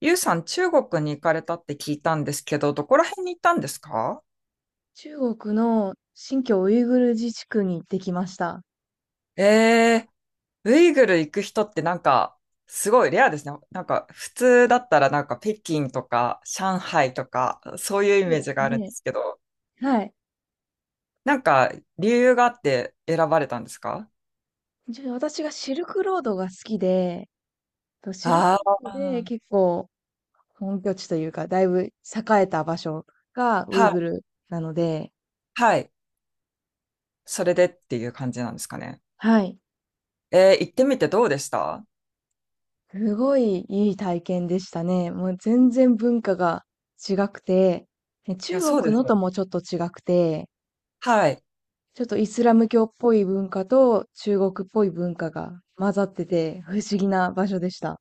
ゆうさん、中国に行かれたって聞いたんですけど、どこら辺に行ったんですか？中国の新疆ウイグル自治区に行ってきました。えー、ウイグル行く人ってなんか、すごいレアですね。なんか、普通だったらなんか北京とか上海とか、そういうイそうメーでジすがあるんでね。すけど、はい。なんか、理由があって選ばれたんですか？じゃ私がシルクロードが好きで、とシルクあロあードでー、結構本拠地というか、だいぶ栄えた場所がウイはい、グルなので、はい。それでっていう感じなんですかね。はい。行ってみてどうでした？すごいいい体験でしたね。もう全然文化が違くて、ねいや、中そうで国すのよ。ともちょっと違くて、はい。ちょっとイスラム教っぽい文化と中国っぽい文化が混ざってて不思議な場所でした。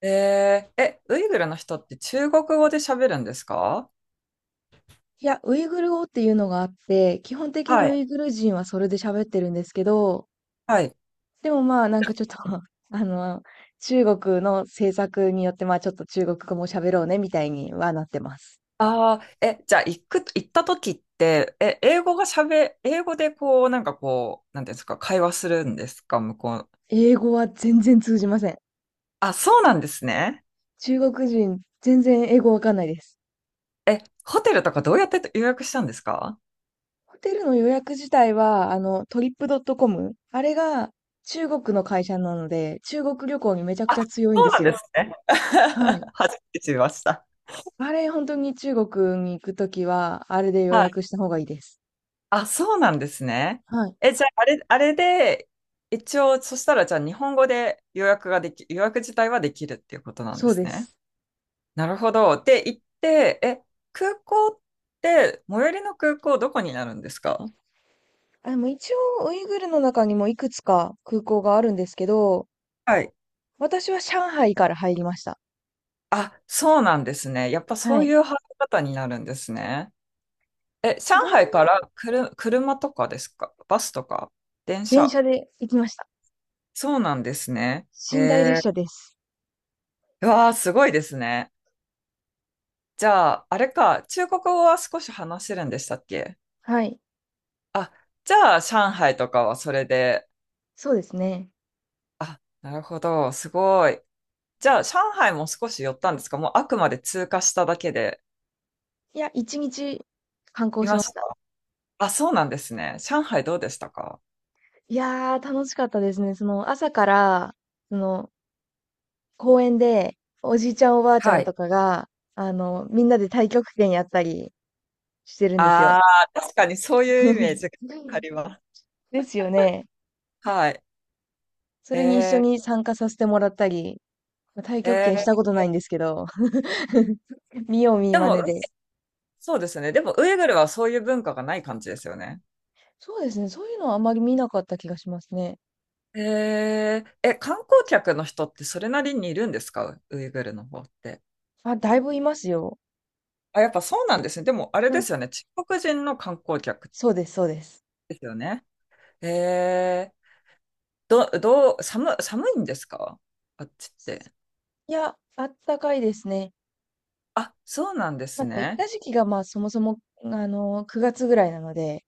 ウイグルの人って中国語で喋るんですか？いや、ウイグル語っていうのがあって、基本的にはい。ウイグル人はそれで喋ってるんですけど、はい。でもまあちょっと あの、中国の政策によってまあちょっと中国語も喋ろうねみたいにはなってます。ああ、じゃあ、行った時って、英語でこう、なんかこう、なんていうんですか、会話するんですか、向こう。英語は全然通じません。あ、そうなんですね。中国人全然英語わかんないです。え、ホテルとかどうやって予約したんですか？ホテルの予約自体はトリップドットコム、あれが中国の会社なので中国旅行にめちゃくあ、ちゃ強いんそでうなすんでよ。すね。はい。初めて知りました。あれ本当に中国に行くときはあれで予はい。約した方がいいです。あ、そうなんですね。はい、じゃあ、あれ、あれで、一応、そしたら、じゃあ、日本語で予約自体はできるっていうことなんそでうすでね。す。なるほど。って言って、空港っ最寄りの空港どこになるんですか？あ、でも一応、ウイグルの中にもいくつか空港があるんですけど、はい。私は上海から入りました。あ、そうなんですね。やっぱそはうい。いう入り方になるんですね。上全、海からくる車とかですか？バスとか？電電車？車で行きました。そうなんですね。寝台列車です。うわー、すごいですね。じゃあ、あれか、中国語は少し話せるんでしたっけ？はい。あ、じゃあ、上海とかはそれで、そうですね。あ、なるほど、すごい。じゃあ、上海も少し寄ったんですか？もうあくまで通過しただけで。いや、一日観い光しまましした。た。あ、そうなんですね。上海どうでしたか？いやー、楽しかったですね。朝から、その、公園で、おじいちゃんおばあちゃはんい。とかが、みんなで太極拳やったりしてるんですあよ。あ、確かにそういうイメージが あります。ですよね。はい。それに一緒えに参加させてもらったり、まあ太ー、極え拳したこー、とないんですけど、見よう見でまねも、で。そうですね。でも、ウイグルはそういう文化がない感じですよね。そうですね、そういうのはあまり見なかった気がしますね。観光客の人ってそれなりにいるんですか？ウイグルの方って。あ、だいぶいますよ。あ、やっぱそうなんですね。でも、あれうでん、すよね。中国人の観光客そうです、そうです。ですよね。えーど、どう、寒いんですか？あっちって。いや、あったかいですね。あ、そうなんでまあ、すでも行っね。た時期がまあそもそも、9月ぐらいなので、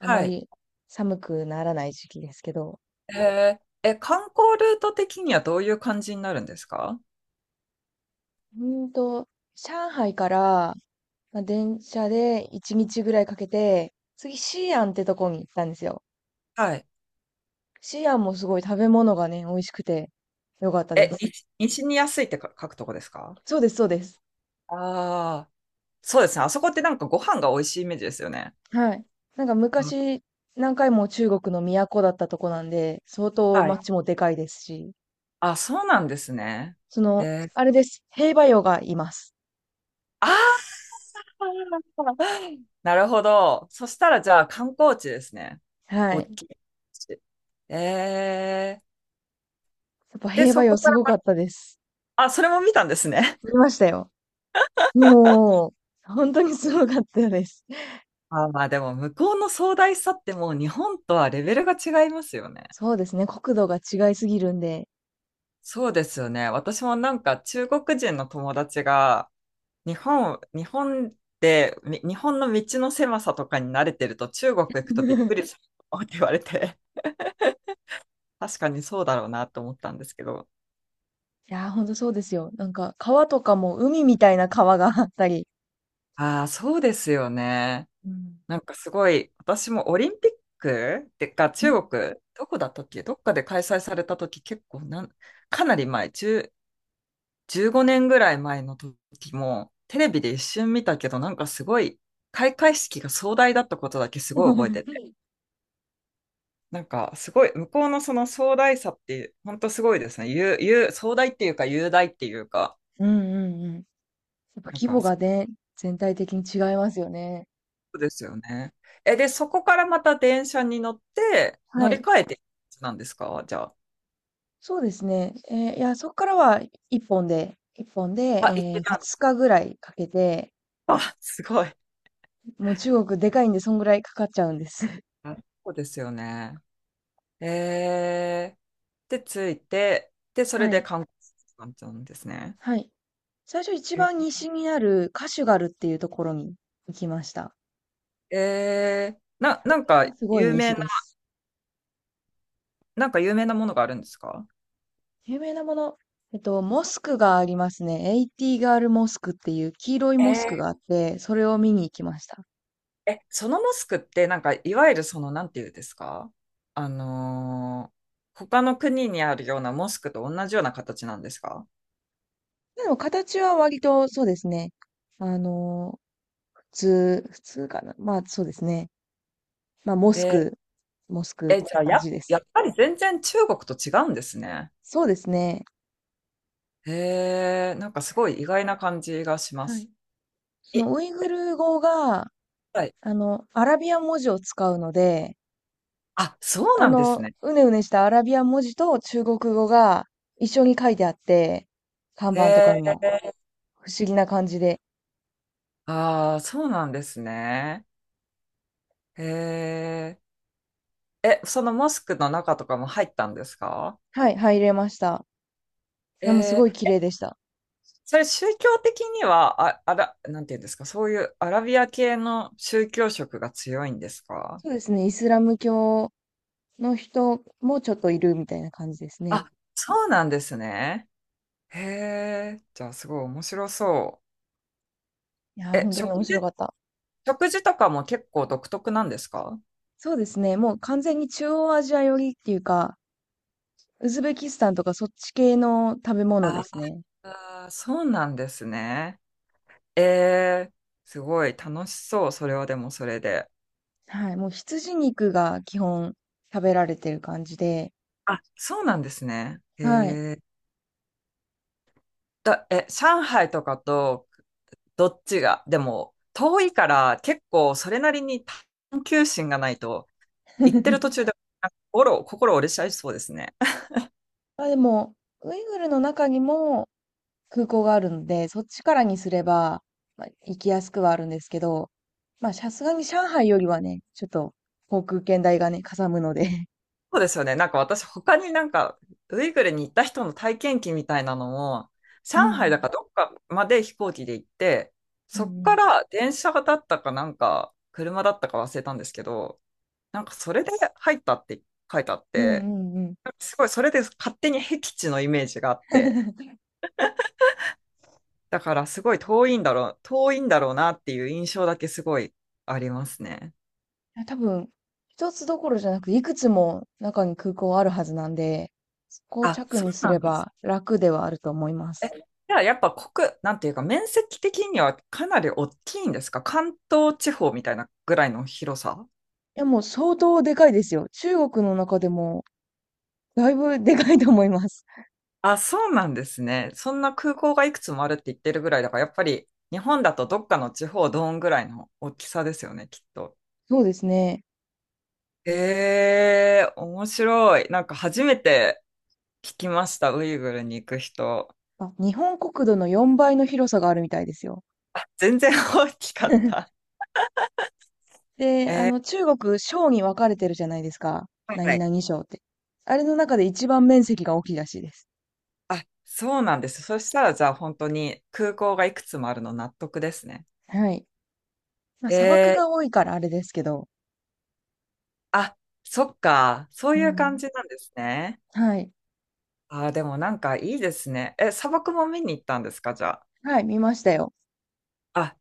あまい。り寒くならない時期ですけど、えーえ、観光ルート的にはどういう感じになるんですか？うーんと、上海から、まあ、電車で1日ぐらいかけて、次、西安ってとこに行ったんですよ。はい。シアンもすごい食べ物がね、美味しくて良かったです。西に安いってか書くとこですか？そうです、そうです。ああー、そうですね。あそこってなんかご飯が美味しいイメージですよね。はい。なんかうん。昔、何回も中国の都だったとこなんで、相当はい。街もでかいですし、あ、そうなんですね。えー、あれです。兵馬俑がいます。あー、なるほど。そしたらじゃあ観光地ですね。は大い。やきい。えー、っぱで、兵馬そこ俑かすら、ごかったです。あ、それも見たんですね。見ましたよ。もう、本当にすごかったです。あ、まあでも向こうの壮大さってもう日本とはレベルが違いますよね。そうですね。国土が違いすぎるんで。そうですよね。私もなんか中国人の友達が日本の道の狭さとかに慣れてると中国行くとびっくりする って言われて、確かにそうだろうなと思ったんですけど。いやー、ほんとそうですよ。なんか、川とかも海みたいな川があったり。ああ、そうですよね。うん。なんかすごい、私もオリンピックってか中国、どこだったっけ、どっかで開催された時結構なん、かなり前、1 15年ぐらい前の時も、テレビで一瞬見たけど、なんかすごい、開会式が壮大だったことだけすごい覚えてて、なんかすごい、向こうのその壮大さって、本当すごいですね。ゆう、ゆう、壮大っていうか、雄大っていうか、うんうんうん。やっぱなん規か模そがね、全体的に違いますよね。うですよね。で、そこからまた電車に乗って、乗はりい。換えてなんですか、じゃあ。そうですね。いや、そこからは一本で、あ、行けた。二日ぐらいかけて、あ、すごい。もう中国でかいんで、そんぐらいかかっちゃうんです。あ、そうですよね。えで、着いて、で、それはでい。観光する感じなんですね。はい。最初一番西にあるカシュガルっていうところに行きました。本なん当かにすごい有西名な、です。なんか有名なものがあるんですか？有名なもの、モスクがありますね。エイティガールモスクっていう黄色いモスクがあえって、それを見に行きました。そのモスクってなんかいわゆるその、なんていうんですか、あのー他の国にあるようなモスクと同じような形なんですか？でも形は割とそうですね。あの、普通かな。まあそうですね。まあモスえク、モスクってじゃあ、感じでやっす。ぱり全然中国と違うんですね。そうですね。なんかすごい意外な感じがしまはい。す。そのい、ウイグル語が、はい。アラビア文字を使うので、あ、そうなんですね。うねうねしたアラビア文字と中国語が一緒に書いてあって、看板とかにえも不思議な感じで、ああ、そうなんですね。えーえ、そのモスクの中とかも入ったんですか？はい、入れました。いや、もうすごえい綺ー麗でした。それ宗教的には、あ、あら、なんていうんですか、そういうアラビア系の宗教色が強いんですか？そうですね、イスラム教の人もちょっといるみたいな感じですね。あ、そうなんですね。へえ、じゃあすごい面白そいやう。ー、本当に面白かった。食事とかも結構独特なんですか？そうですね。もう完全に中央アジア寄りっていうか、ウズベキスタンとかそっち系の食べ物であすね。あー、そうなんですね。えー、すごい楽しそう、それはでもそれで。はい。もう羊肉が基本食べられてる感じで。あ、そうなんですね。はい。ー、上海とかとどっちが、でも、遠いから結構それなりに探求心がないと、行ってる途 中で心折れちゃいそうですね。まあでも、ウイグルの中にも空港があるので、そっちからにすれば、まあ、行きやすくはあるんですけど、まあさすがに上海よりはね、ちょっと航空券代がね、かさむので。そうですよね。なんか私、他になんか、ウイグルに行った人の体験記みたいなのも、上うんう海だん。かどっかまで飛行機で行って、うそっんうんから電車だったかなんか、車だったか忘れたんですけど、なんかそれで入ったって書いてあっうんうて、んうん。すごいそれで勝手に僻地のイメージがあって、いだからすごい遠いんだろうなっていう印象だけすごいありますね。や、多分、一つどころじゃなく、いくつも中に空港あるはずなんで、そこをあ、着そうにすなれんです。ば楽ではあると思いまえ、す。じゃあやっぱなんていうか面積的にはかなり大きいんですか？関東地方みたいなぐらいの広さ？いや、もう相当でかいですよ。中国の中でも、だいぶでかいと思います。あ、そうなんですね。そんな空港がいくつもあるって言ってるぐらいだから、やっぱり日本だとどっかの地方どんぐらいの大きさですよね、きっと。そうですね。面白い。なんか初めて聞きました、ウイグルに行く人。あ、日本国土の4倍の広さがあるみたいですよ。全然大きかった。で、え中国、省に分かれてるじゃないですか。は何い。々省って。あれの中で一番面積が大きいらしいです。あ、そうなんです。そしたら、じゃあ本当に空港がいくつもあるの納得ですね。はい。まあ、砂漠えー、が多いからあれですけど。あ、そっか。そうういう感ん。じなんですね。はい。あー、でもなんかいいですね。砂漠も見に行ったんですか、じゃあ？はい、見ましたよ。あ、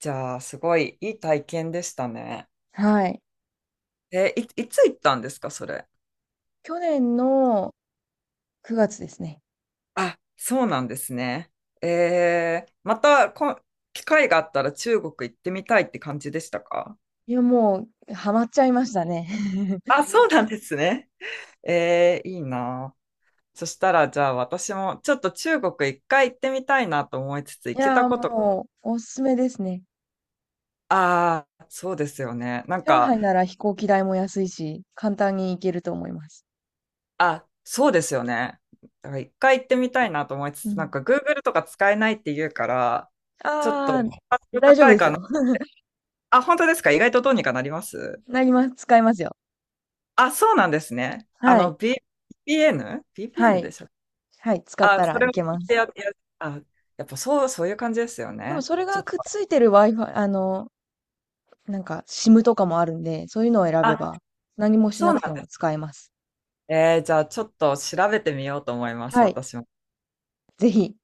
じゃあ、すごいいい体験でしたね。はい。いつ行ったんですか、それ？去年の9月ですね。あ、そうなんですね。えー、またこ、機会があったら中国行ってみたいって感じでしたか？いや、もうハマっちゃいましたね。あ、そうなんですね。いいなあ。そしたら、じゃあ私もちょっと中国一回行ってみたいなと思いつつ、行いけたやー、こと、もうおすすめですね。ああ、そうですよね。なん上か、海なら飛行機代も安いし、簡単に行けると思います。あ、そうですよね。だから一回行ってみたいなと思いつうつ、なんん。か Google とか使えないって言うから、ちょっと、あーハードル大丈夫高いですかな。よ。あ、本当ですか？意外とどうにかなります？なります。使えますよ。あ、そうなんですね。あはの、い。V p n b p は n でい。したっけ？はい。使っあ、たそられいを聞けいまてす。や、や、あ、やっぱそう、そういう感じですよでもね。それちがょっくっと、ついてる Wi-Fi、なんか SIM とかもあるんで、そういうのを選べあ、ば何もしそなうなくんてだ。も使えます。じゃあちょっと調べてみようと思います、はい。私も。ぜひ。